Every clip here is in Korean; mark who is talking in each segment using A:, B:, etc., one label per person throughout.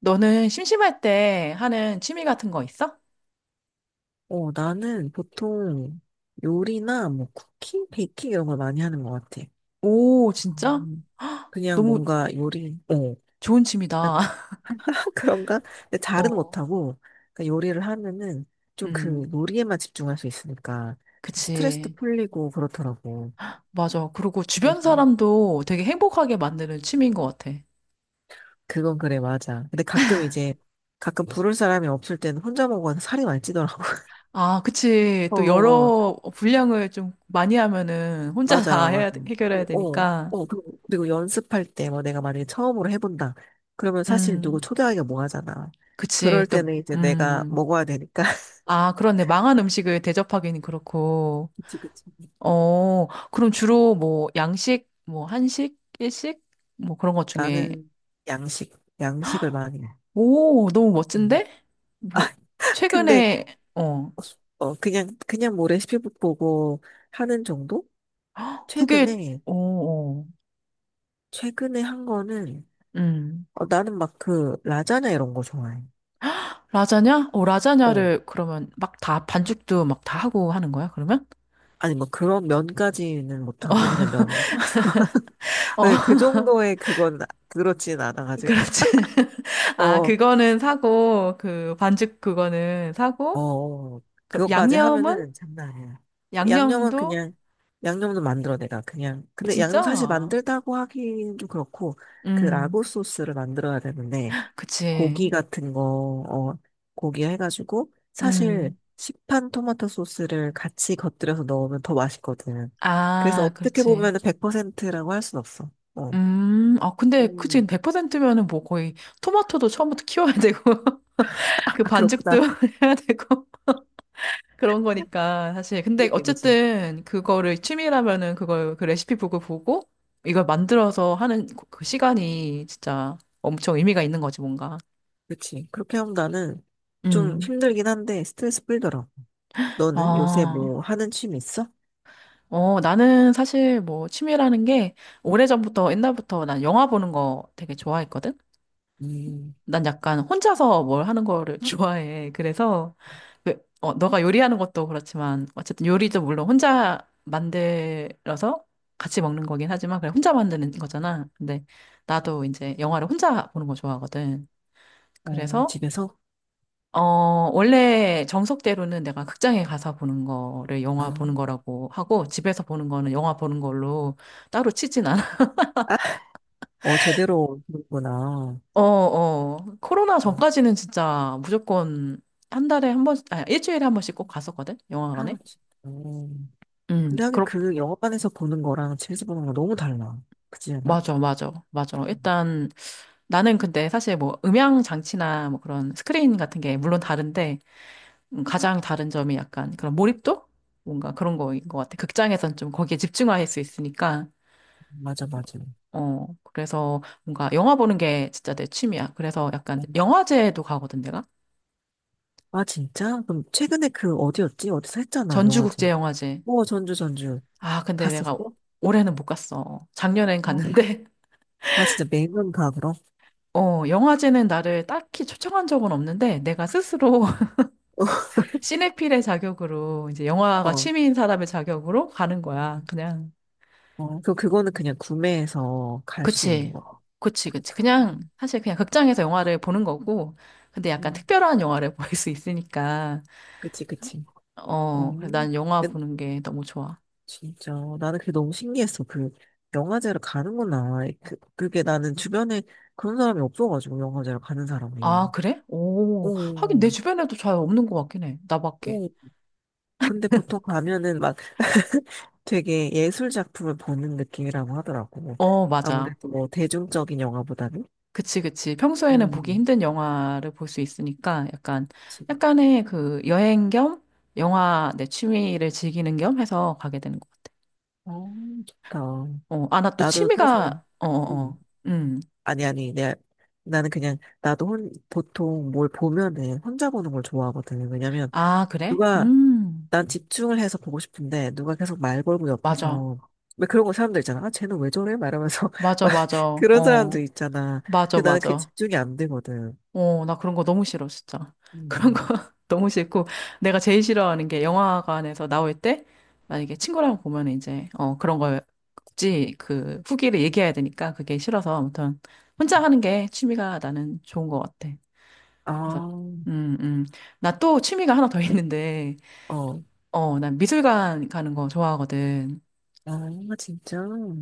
A: 너는 심심할 때 하는 취미 같은 거 있어?
B: 나는 보통 요리나 뭐 쿠킹, 베이킹 이런 걸 많이 하는 것 같아.
A: 오, 진짜?
B: 음. 그냥
A: 너무
B: 뭔가 요리,
A: 좋은 취미다.
B: 그런가? 근데 잘은
A: 어,
B: 못하고, 그러니까 요리를 하면은 좀
A: 음,
B: 그 요리에만 집중할 수 있으니까 좀 스트레스도
A: 그치.
B: 풀리고 그렇더라고.
A: 맞아. 그리고 주변
B: 그래서
A: 사람도 되게 행복하게 만드는 취미인 것 같아.
B: 그건 그래, 맞아. 근데 가끔 이제, 가끔 부를 사람이 없을 때는 혼자 먹어서 살이 많이 찌더라고.
A: 아, 그치.
B: 어,
A: 또
B: 어,
A: 여러 분량을 좀 많이 하면은 혼자 다
B: 맞아, 맞아.
A: 해결해야 되니까.
B: 그리고 연습할 때, 뭐 내가 만약에 처음으로 해본다. 그러면 사실 누구
A: 음,
B: 초대하기가 뭐 하잖아.
A: 그치.
B: 그럴
A: 또,
B: 때는 이제 내가 먹어야 되니까.
A: 아, 그렇네. 망한 음식을 대접하기는 그렇고.
B: 그치, 그치.
A: 어, 그럼 주로 뭐 양식, 뭐 한식, 일식, 뭐 그런 것 중에.
B: 나는 양식, 양식을 많이 해.
A: 오, 너무
B: 음.
A: 멋진데?
B: 아,
A: 뭐
B: 근데,
A: 최근에, 어,
B: 그냥 뭐 레시피 북 보고 하는 정도?
A: 그게
B: 최근에,
A: 어, 어.
B: 최근에 한 거는,
A: 음.
B: 나는 막 그, 라자냐 이런 거 좋아해.
A: 라자냐? 어,
B: 어,
A: 라자냐를 그러면 막 다 반죽도 막 다 하고 하는 거야, 그러면?
B: 아니 뭐 그런 면까지는 못하고, 그냥 면 사서.
A: 어,
B: 근데 그 정도의 그건 그렇진 않아가지고.
A: 그렇지. 아,
B: 어,
A: 그거는 사고 그 반죽 그거는 사고
B: 어,
A: 그럼
B: 그것까지
A: 양념은
B: 하면은 장난 아니야. 양념은
A: 양념도
B: 그냥, 양념도 만들어, 내가. 그냥. 근데 양념
A: 진짜?
B: 사실 만들다고 하기는 좀 그렇고, 그
A: 음.
B: 라구 소스를 만들어야 되는데,
A: 그치.
B: 고기 같은 거, 어, 고기 해가지고, 사실
A: 음.
B: 시판 토마토 소스를 같이 곁들여서 넣으면 더 맛있거든. 그래서
A: 아,
B: 어떻게
A: 그렇지.
B: 보면은 100%라고 할 순 없어. 어.
A: 아, 근데, 그치,
B: 음.
A: 100%면은 뭐 거의 토마토도 처음부터 키워야 되고,
B: 아,
A: 그 반죽도
B: 그렇구나.
A: 해야 되고, 그런 거니까, 사실. 근데
B: 그지, 그지.
A: 어쨌든, 그거를 취미라면은 그 레시피북을 보고, 이걸 만들어서 하는 그 시간이 진짜 엄청 의미가 있는 거지, 뭔가.
B: 그치. 그렇게 하면 나는 좀
A: 음.
B: 힘들긴 한데 스트레스 풀더라. 너는 요새
A: 아,
B: 뭐 하는 취미 있어?
A: 어, 나는 사실 뭐 취미라는 게, 오래전부터, 옛날부터 난 영화 보는 거 되게 좋아했거든?
B: 음,
A: 난 약간 혼자서 뭘 하는 거를 좋아해. 그래서, 어, 너가 요리하는 것도 그렇지만, 어쨌든 요리도 물론 혼자 만들어서 같이 먹는 거긴 하지만, 그냥 혼자 만드는 거잖아. 근데 나도 이제 영화를 혼자 보는 거 좋아하거든. 그래서,
B: 집에서?
A: 어, 원래 정석대로는 내가 극장에 가서 보는 거를
B: 아,
A: 영화 보는 거라고 하고, 집에서 보는 거는 영화 보는 걸로 따로 치진 않아.
B: 제대로 보는구나.
A: 어, 어. 코로나
B: 음,
A: 전까지는 진짜 무조건 한 달에 한 번, 아니, 일주일에 한 번씩 꼭 갔었거든?
B: 아,
A: 영화관에?
B: 진짜,
A: 음,
B: 근데 하긴
A: 그렇,
B: 그 영화관에서 보는 거랑 집에서 보는 거 너무 달라. 그지 않아?
A: 맞아, 맞아, 맞아.
B: 음,
A: 일단 나는 근데 사실 뭐 음향 장치나 뭐 그런 스크린 같은 게 물론 다른데, 가장 다른 점이 약간 그런 몰입도? 뭔가 그런 거인 것 같아. 극장에선 좀 거기에 집중할 수 있으니까.
B: 맞아, 맞아.
A: 어, 그래서 뭔가 영화 보는 게 진짜 내 취미야. 그래서 약간
B: 음.
A: 영화제도 가거든, 내가.
B: 아, 진짜? 그럼 최근에 그 어디였지? 어디서 했잖아, 영화제.
A: 전주국제영화제.
B: 전주, 전주.
A: 아, 근데 내가
B: 갔었어?
A: 올해는 못 갔어. 작년엔
B: 어.
A: 갔는데,
B: 아, 진짜 매년 가, 그럼?
A: 어, 영화제는 나를 딱히 초청한 적은 없는데, 내가 스스로 시네필의 자격으로, 이제 영화가
B: 어.
A: 취미인 사람의 자격으로 가는 거야. 그냥.
B: 그거는 그냥 구매해서 갈 수 있는
A: 그치.
B: 거.
A: 그치, 그치.
B: 그렇군.
A: 그냥, 사실 그냥 극장에서 영화를 보는 거고, 근데 약간
B: 음.
A: 특별한 영화를 볼 수 있으니까,
B: 그치, 그치. 어,
A: 어, 그래, 난 영화
B: 근데
A: 보는 게 너무 좋아.
B: 진짜. 나는 그게 너무 신기했어. 그, 영화제를 가는구나. 그게 나는 주변에 그런 사람이 없어가지고, 영화제를 가는
A: 아,
B: 사람이.
A: 그래? 오, 하긴 내
B: 오,
A: 주변에도 잘 없는 것 같긴 해. 나밖에.
B: 오. 근데 보통 가면은 막 되게 예술 작품을 보는 느낌이라고 하더라고.
A: 어, 맞아.
B: 아무래도 뭐 대중적인 영화보다는.
A: 그치, 그치. 평소에는 보기
B: 음,
A: 힘든 영화를 볼 수 있으니까 약간,
B: 그치.
A: 약간의 그 여행 겸 영화 내 취미를 즐기는 겸 해서 가게 되는 것 같아.
B: 어, 좋다.
A: 어, 아, 나 또
B: 나도 사실,
A: 취미가,
B: 음.
A: 음.
B: 아니, 아니, 나는 그냥, 보통 뭘 보면은 혼자 보는 걸 좋아하거든. 왜냐면,
A: 아, 그래?
B: 누가,
A: 음.
B: 난 집중을 해서 보고 싶은데, 누가 계속 말 걸고
A: 맞아.
B: 옆에서, 왜 그런 거 사람들 있잖아. 아, 쟤는 왜 저래? 말하면서,
A: 맞아,
B: 막,
A: 맞아.
B: 그런 사람들
A: 어.
B: 있잖아.
A: 맞아,
B: 근데 나는 그게
A: 맞아.
B: 집중이 안 되거든.
A: 어, 나 그런 거 너무 싫어, 진짜. 그런 거
B: 음,
A: 너무 싫고, 내가 제일 싫어하는 게 영화관에서 나올 때, 만약에 친구랑 보면 이제, 어, 그런 걸 굳이 그 후기를 얘기해야 되니까 그게 싫어서, 아무튼, 혼자 하는 게 취미가 나는 좋은 것 같아. 그래서,
B: 아,
A: 음, 음. 나 또 취미가 하나 더 있는데,
B: 어,
A: 어, 난 미술관 가는 거 좋아하거든.
B: 아, 진짜.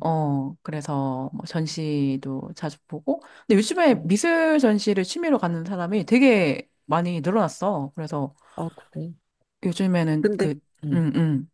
A: 어, 그래서 뭐 전시도 자주 보고, 근데 요즘에
B: 음,
A: 미술 전시를 취미로 가는 사람이 되게 많이 늘어났어. 그래서
B: 그래.
A: 요즘에는
B: 근데,
A: 그,
B: 음.
A: 음, 음,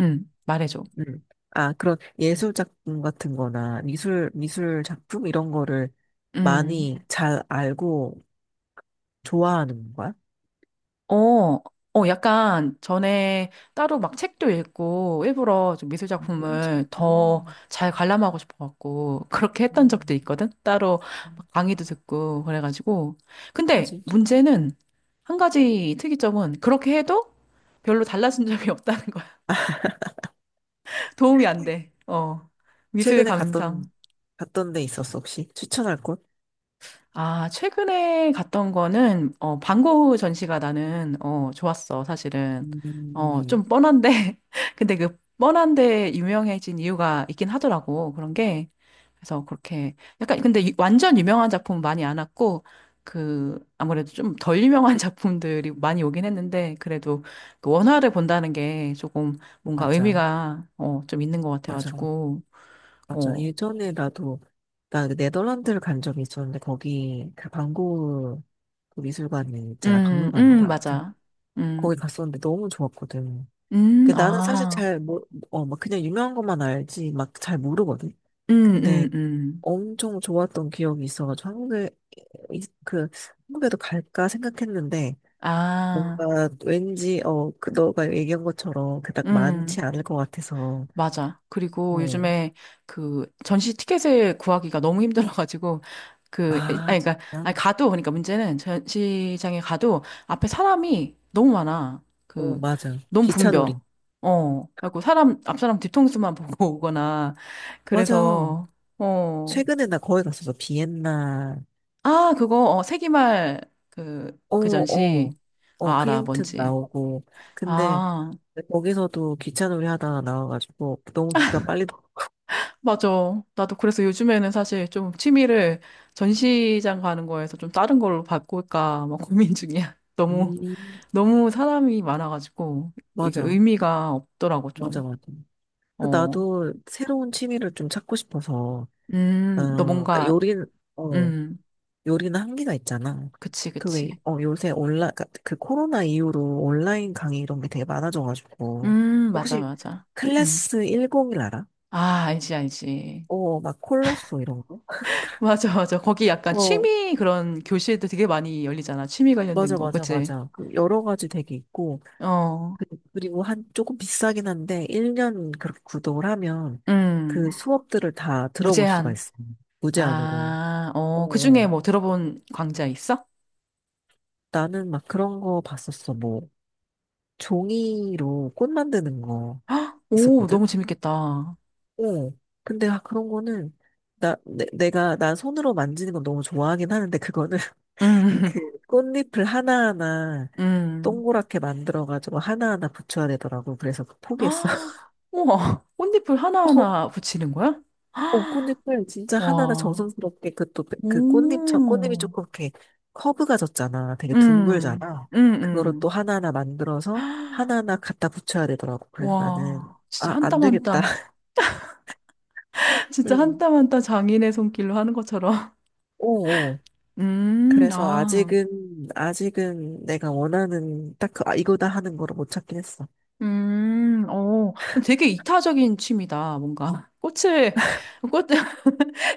A: 말해줘.
B: 음. 아, 그런 예술 작품 같은 거나 미술 작품 이런 거를
A: 음,
B: 많이 잘 알고 좋아하는 거야?
A: 어, 약간 전에 따로 막 책도 읽고 일부러 좀 미술 작품을
B: 진짜.
A: 더
B: 음.
A: 잘 관람하고 싶어갖고 그렇게 했던 적도 있거든? 따로
B: 음.
A: 막 강의도 듣고 그래가지고.
B: 아,
A: 근데
B: 진짜.
A: 문제는 한 가지 특이점은 그렇게 해도 별로 달라진 점이 없다는 거야. 도움이 안 돼. 어, 미술
B: 최근에 갔던,
A: 감상.
B: 갔던 데 있었어, 혹시? 추천할 곳?
A: 아, 최근에 갔던 거는, 어, 방구 전시가 나는, 어, 좋았어, 사실은. 어,
B: 음,
A: 좀 뻔한데, 근데 그 뻔한데 유명해진 이유가 있긴 하더라고, 그런 게. 그래서 그렇게, 약간, 근데 완전 유명한 작품 많이 안 왔고, 그, 아무래도 좀 덜 유명한 작품들이 많이 오긴 했는데, 그래도 그 원화를 본다는 게 조금 뭔가
B: 맞아.
A: 의미가, 어, 좀 있는 것
B: 맞아.
A: 같아가지고,
B: 맞아.
A: 어.
B: 예전에 나 그 네덜란드를 간 적이 있었는데, 거기, 그 반고그 미술관이 있잖아. 박물관인가. 아무튼,
A: 맞아. 음,
B: 거기 갔었는데 너무 좋았거든. 그 나는 사실
A: 아.
B: 잘 뭐, 막 그냥 유명한 것만 알지 막 잘 모르거든.
A: 음,
B: 근데
A: 음, 음.
B: 엄청 좋았던 기억이 있어가지고 한국에 그 한국에도 갈까 생각했는데
A: 아,
B: 뭔가 왠지 그 너가 얘기한 것처럼 그닥 많지
A: 음,
B: 않을 것 같아서.
A: 맞아. 그리고
B: 어,
A: 요즘에 그 전시 티켓을 구하기가 너무 힘들어가지고, 그,
B: 아,
A: 아니, 그니까,
B: 진짜?
A: 아니, 가도, 그러니까 문제는 전시장에 가도 앞에 사람이 너무 많아.
B: 어,
A: 그,
B: 맞아,
A: 너무 붐벼.
B: 기차놀이.
A: 어, 그리고 사람, 앞 사람 뒤통수만 보고 오거나,
B: 맞아.
A: 그래서, 어,
B: 최근에 나 거기 갔었어, 비엔나.
A: 아, 그거, 어, 세기말, 그, 그 전시,
B: 어어어
A: 아, 알아,
B: 클림트
A: 뭔지.
B: 나오고, 근데
A: 아,
B: 근데 거기서도 기차놀이 하다가 나와가지고 너무 기가 빨리 돌아.
A: 맞아. 나도 그래서 요즘에는 사실 좀 취미를 전시장 가는 거에서 좀 다른 걸로 바꿀까 막 고민 중이야. 너무,
B: 음.
A: 너무 사람이 많아가지고, 이게
B: 맞아,
A: 의미가 없더라고,
B: 맞아,
A: 좀.
B: 맞아. 그
A: 어.
B: 나도 새로운 취미를 좀 찾고 싶어서,
A: 너
B: 그러니까
A: 뭔가,
B: 어,
A: 음,
B: 요리는 한계가 있잖아.
A: 그치,
B: 그 왜,
A: 그치.
B: 요새 그러니까 그 코로나 이후로 온라인 강의 이런 게 되게 많아져가지고,
A: 맞아,
B: 혹시
A: 맞아. 음.
B: 클래스 101 알아?
A: 아, 알지, 알지.
B: 막 콜로소 이런 거?
A: 맞아, 맞아. 거기 약간
B: 어,
A: 취미 그런 교실도 되게 많이 열리잖아. 취미 관련된
B: 맞아,
A: 거,
B: 맞아,
A: 그치?
B: 맞아. 그 여러 가지 되게 있고,
A: 어,
B: 그리고 한 조금 비싸긴 한데 1년 그렇게 구독을 하면 그
A: 음,
B: 수업들을 다 들어볼 수가
A: 무제한.
B: 있어요. 무제한으로.
A: 아, 어, 그중에
B: 어,
A: 뭐 들어본 강좌 있어?
B: 나는 막 그런 거 봤었어. 뭐 종이로 꽃 만드는 거
A: 헉, 오, 너무
B: 있었거든.
A: 재밌겠다.
B: 어. 근데 아, 그런 거는 나 내, 내가 난 손으로 만지는 건 너무 좋아하긴 하는데 그거는
A: 음,
B: 그 꽃잎을 하나하나
A: 음.
B: 동그랗게 만들어가지고 하나하나 붙여야 되더라고. 그래서 포기했어.
A: 헉, 우와, 꽃잎을 하나하나 붙이는 거야? 헉,
B: 꽃잎을 진짜 하나하나
A: 와,
B: 정성스럽게 그 또 그 꽃잎 저 꽃잎이
A: 오,
B: 조금 이렇게 커브가 졌잖아. 되게
A: 음,
B: 둥글잖아.
A: 음,
B: 그거를 또
A: 음.
B: 하나하나 만들어서 하나하나 갖다 붙여야 되더라고. 그래서 나는
A: 와, 진짜
B: 아,
A: 한
B: 안
A: 땀한
B: 되겠다.
A: 땀, 진짜 한
B: 응.
A: 땀한땀 장인의 손길로 하는 것처럼.
B: 오, 오. 그래서
A: 아,
B: 아직은 내가 원하는 딱 그, 아, 이거다 하는 거를 못 찾긴 했어.
A: 어, 되게 이타적인 취미다, 뭔가. 꽃을, 꽃,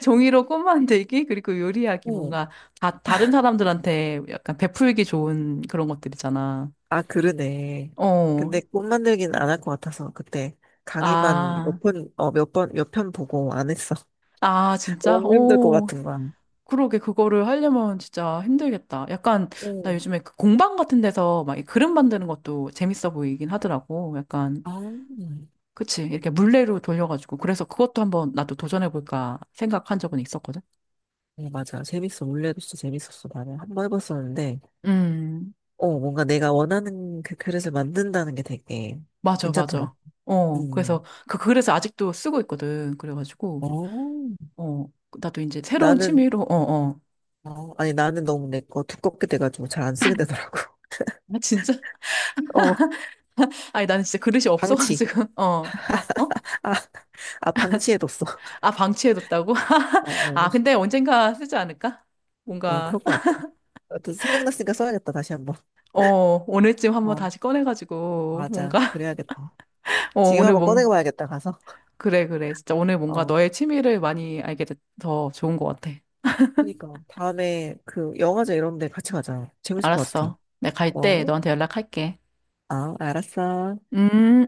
A: 종이로 꽃 만들기, 그리고 요리하기,
B: 오.
A: 뭔가 다른 사람들한테 약간 베풀기 좋은 그런 것들이잖아.
B: 아, 그러네.
A: 어,
B: 근데 꽃 만들기는 안 할 것 같아서 그때 강의만 몇
A: 아,
B: 편, 몇 번, 몇 편 보고 안 했어.
A: 아, 진짜?
B: 너무 힘들 것
A: 오,
B: 같은 거야.
A: 그러게, 그거를 하려면 진짜 힘들겠다. 약간, 나
B: 오.
A: 요즘에 그 공방 같은 데서 막이 그림 만드는 것도 재밌어 보이긴 하더라고. 약간,
B: 아,
A: 그치, 이렇게 물레로 돌려가지고. 그래서 그것도 한번 나도 도전해볼까 생각한 적은 있었거든.
B: 네, 맞아. 재밌어. 원래도 진짜 재밌었어. 나는 한 번 해봤었는데,
A: 음,
B: 뭔가 내가 원하는 그 그릇을 만든다는 게 되게
A: 맞아, 맞아.
B: 괜찮더라.
A: 어, 그래서,
B: 음.
A: 그래서 아직도 쓰고 있거든. 그래가지고.
B: 어,
A: 어, 나도 이제 새로운
B: 나는,
A: 취미로, 어, 어.
B: 아니, 나는 너무 내 거 두껍게 돼가지고 잘 안 쓰게 되더라고.
A: 아, 진짜?
B: 어,
A: 아니, 나는 진짜 그릇이
B: 방치.
A: 없어가지고, 어, 어, 어?
B: 아, 아, 방치해뒀어.
A: 아, 방치해뒀다고?
B: 어, 어,
A: 아, 근데 언젠가 쓰지 않을까?
B: 어, 그럴
A: 뭔가,
B: 것 같아. 어, 또 생각났으니까 써야겠다. 다시 한 번.
A: 어, 오늘쯤 한번
B: 어,
A: 다시 꺼내가지고,
B: 맞아.
A: 뭔가,
B: 그래야겠다.
A: 어,
B: 지금 한
A: 오늘
B: 번
A: 뭔,
B: 꺼내봐야겠다, 가서.
A: 그래, 그래. 진짜 오늘 뭔가
B: 어.
A: 너의 취미를 많이 알게 돼서 좋은 것 같아.
B: 그니까 다음에 그 영화제 이런 데 같이 가자. 재밌을 것 같아.
A: 알았어. 내가 갈 때
B: 어?
A: 너한테 연락할게.
B: 아, 알았어.
A: 음.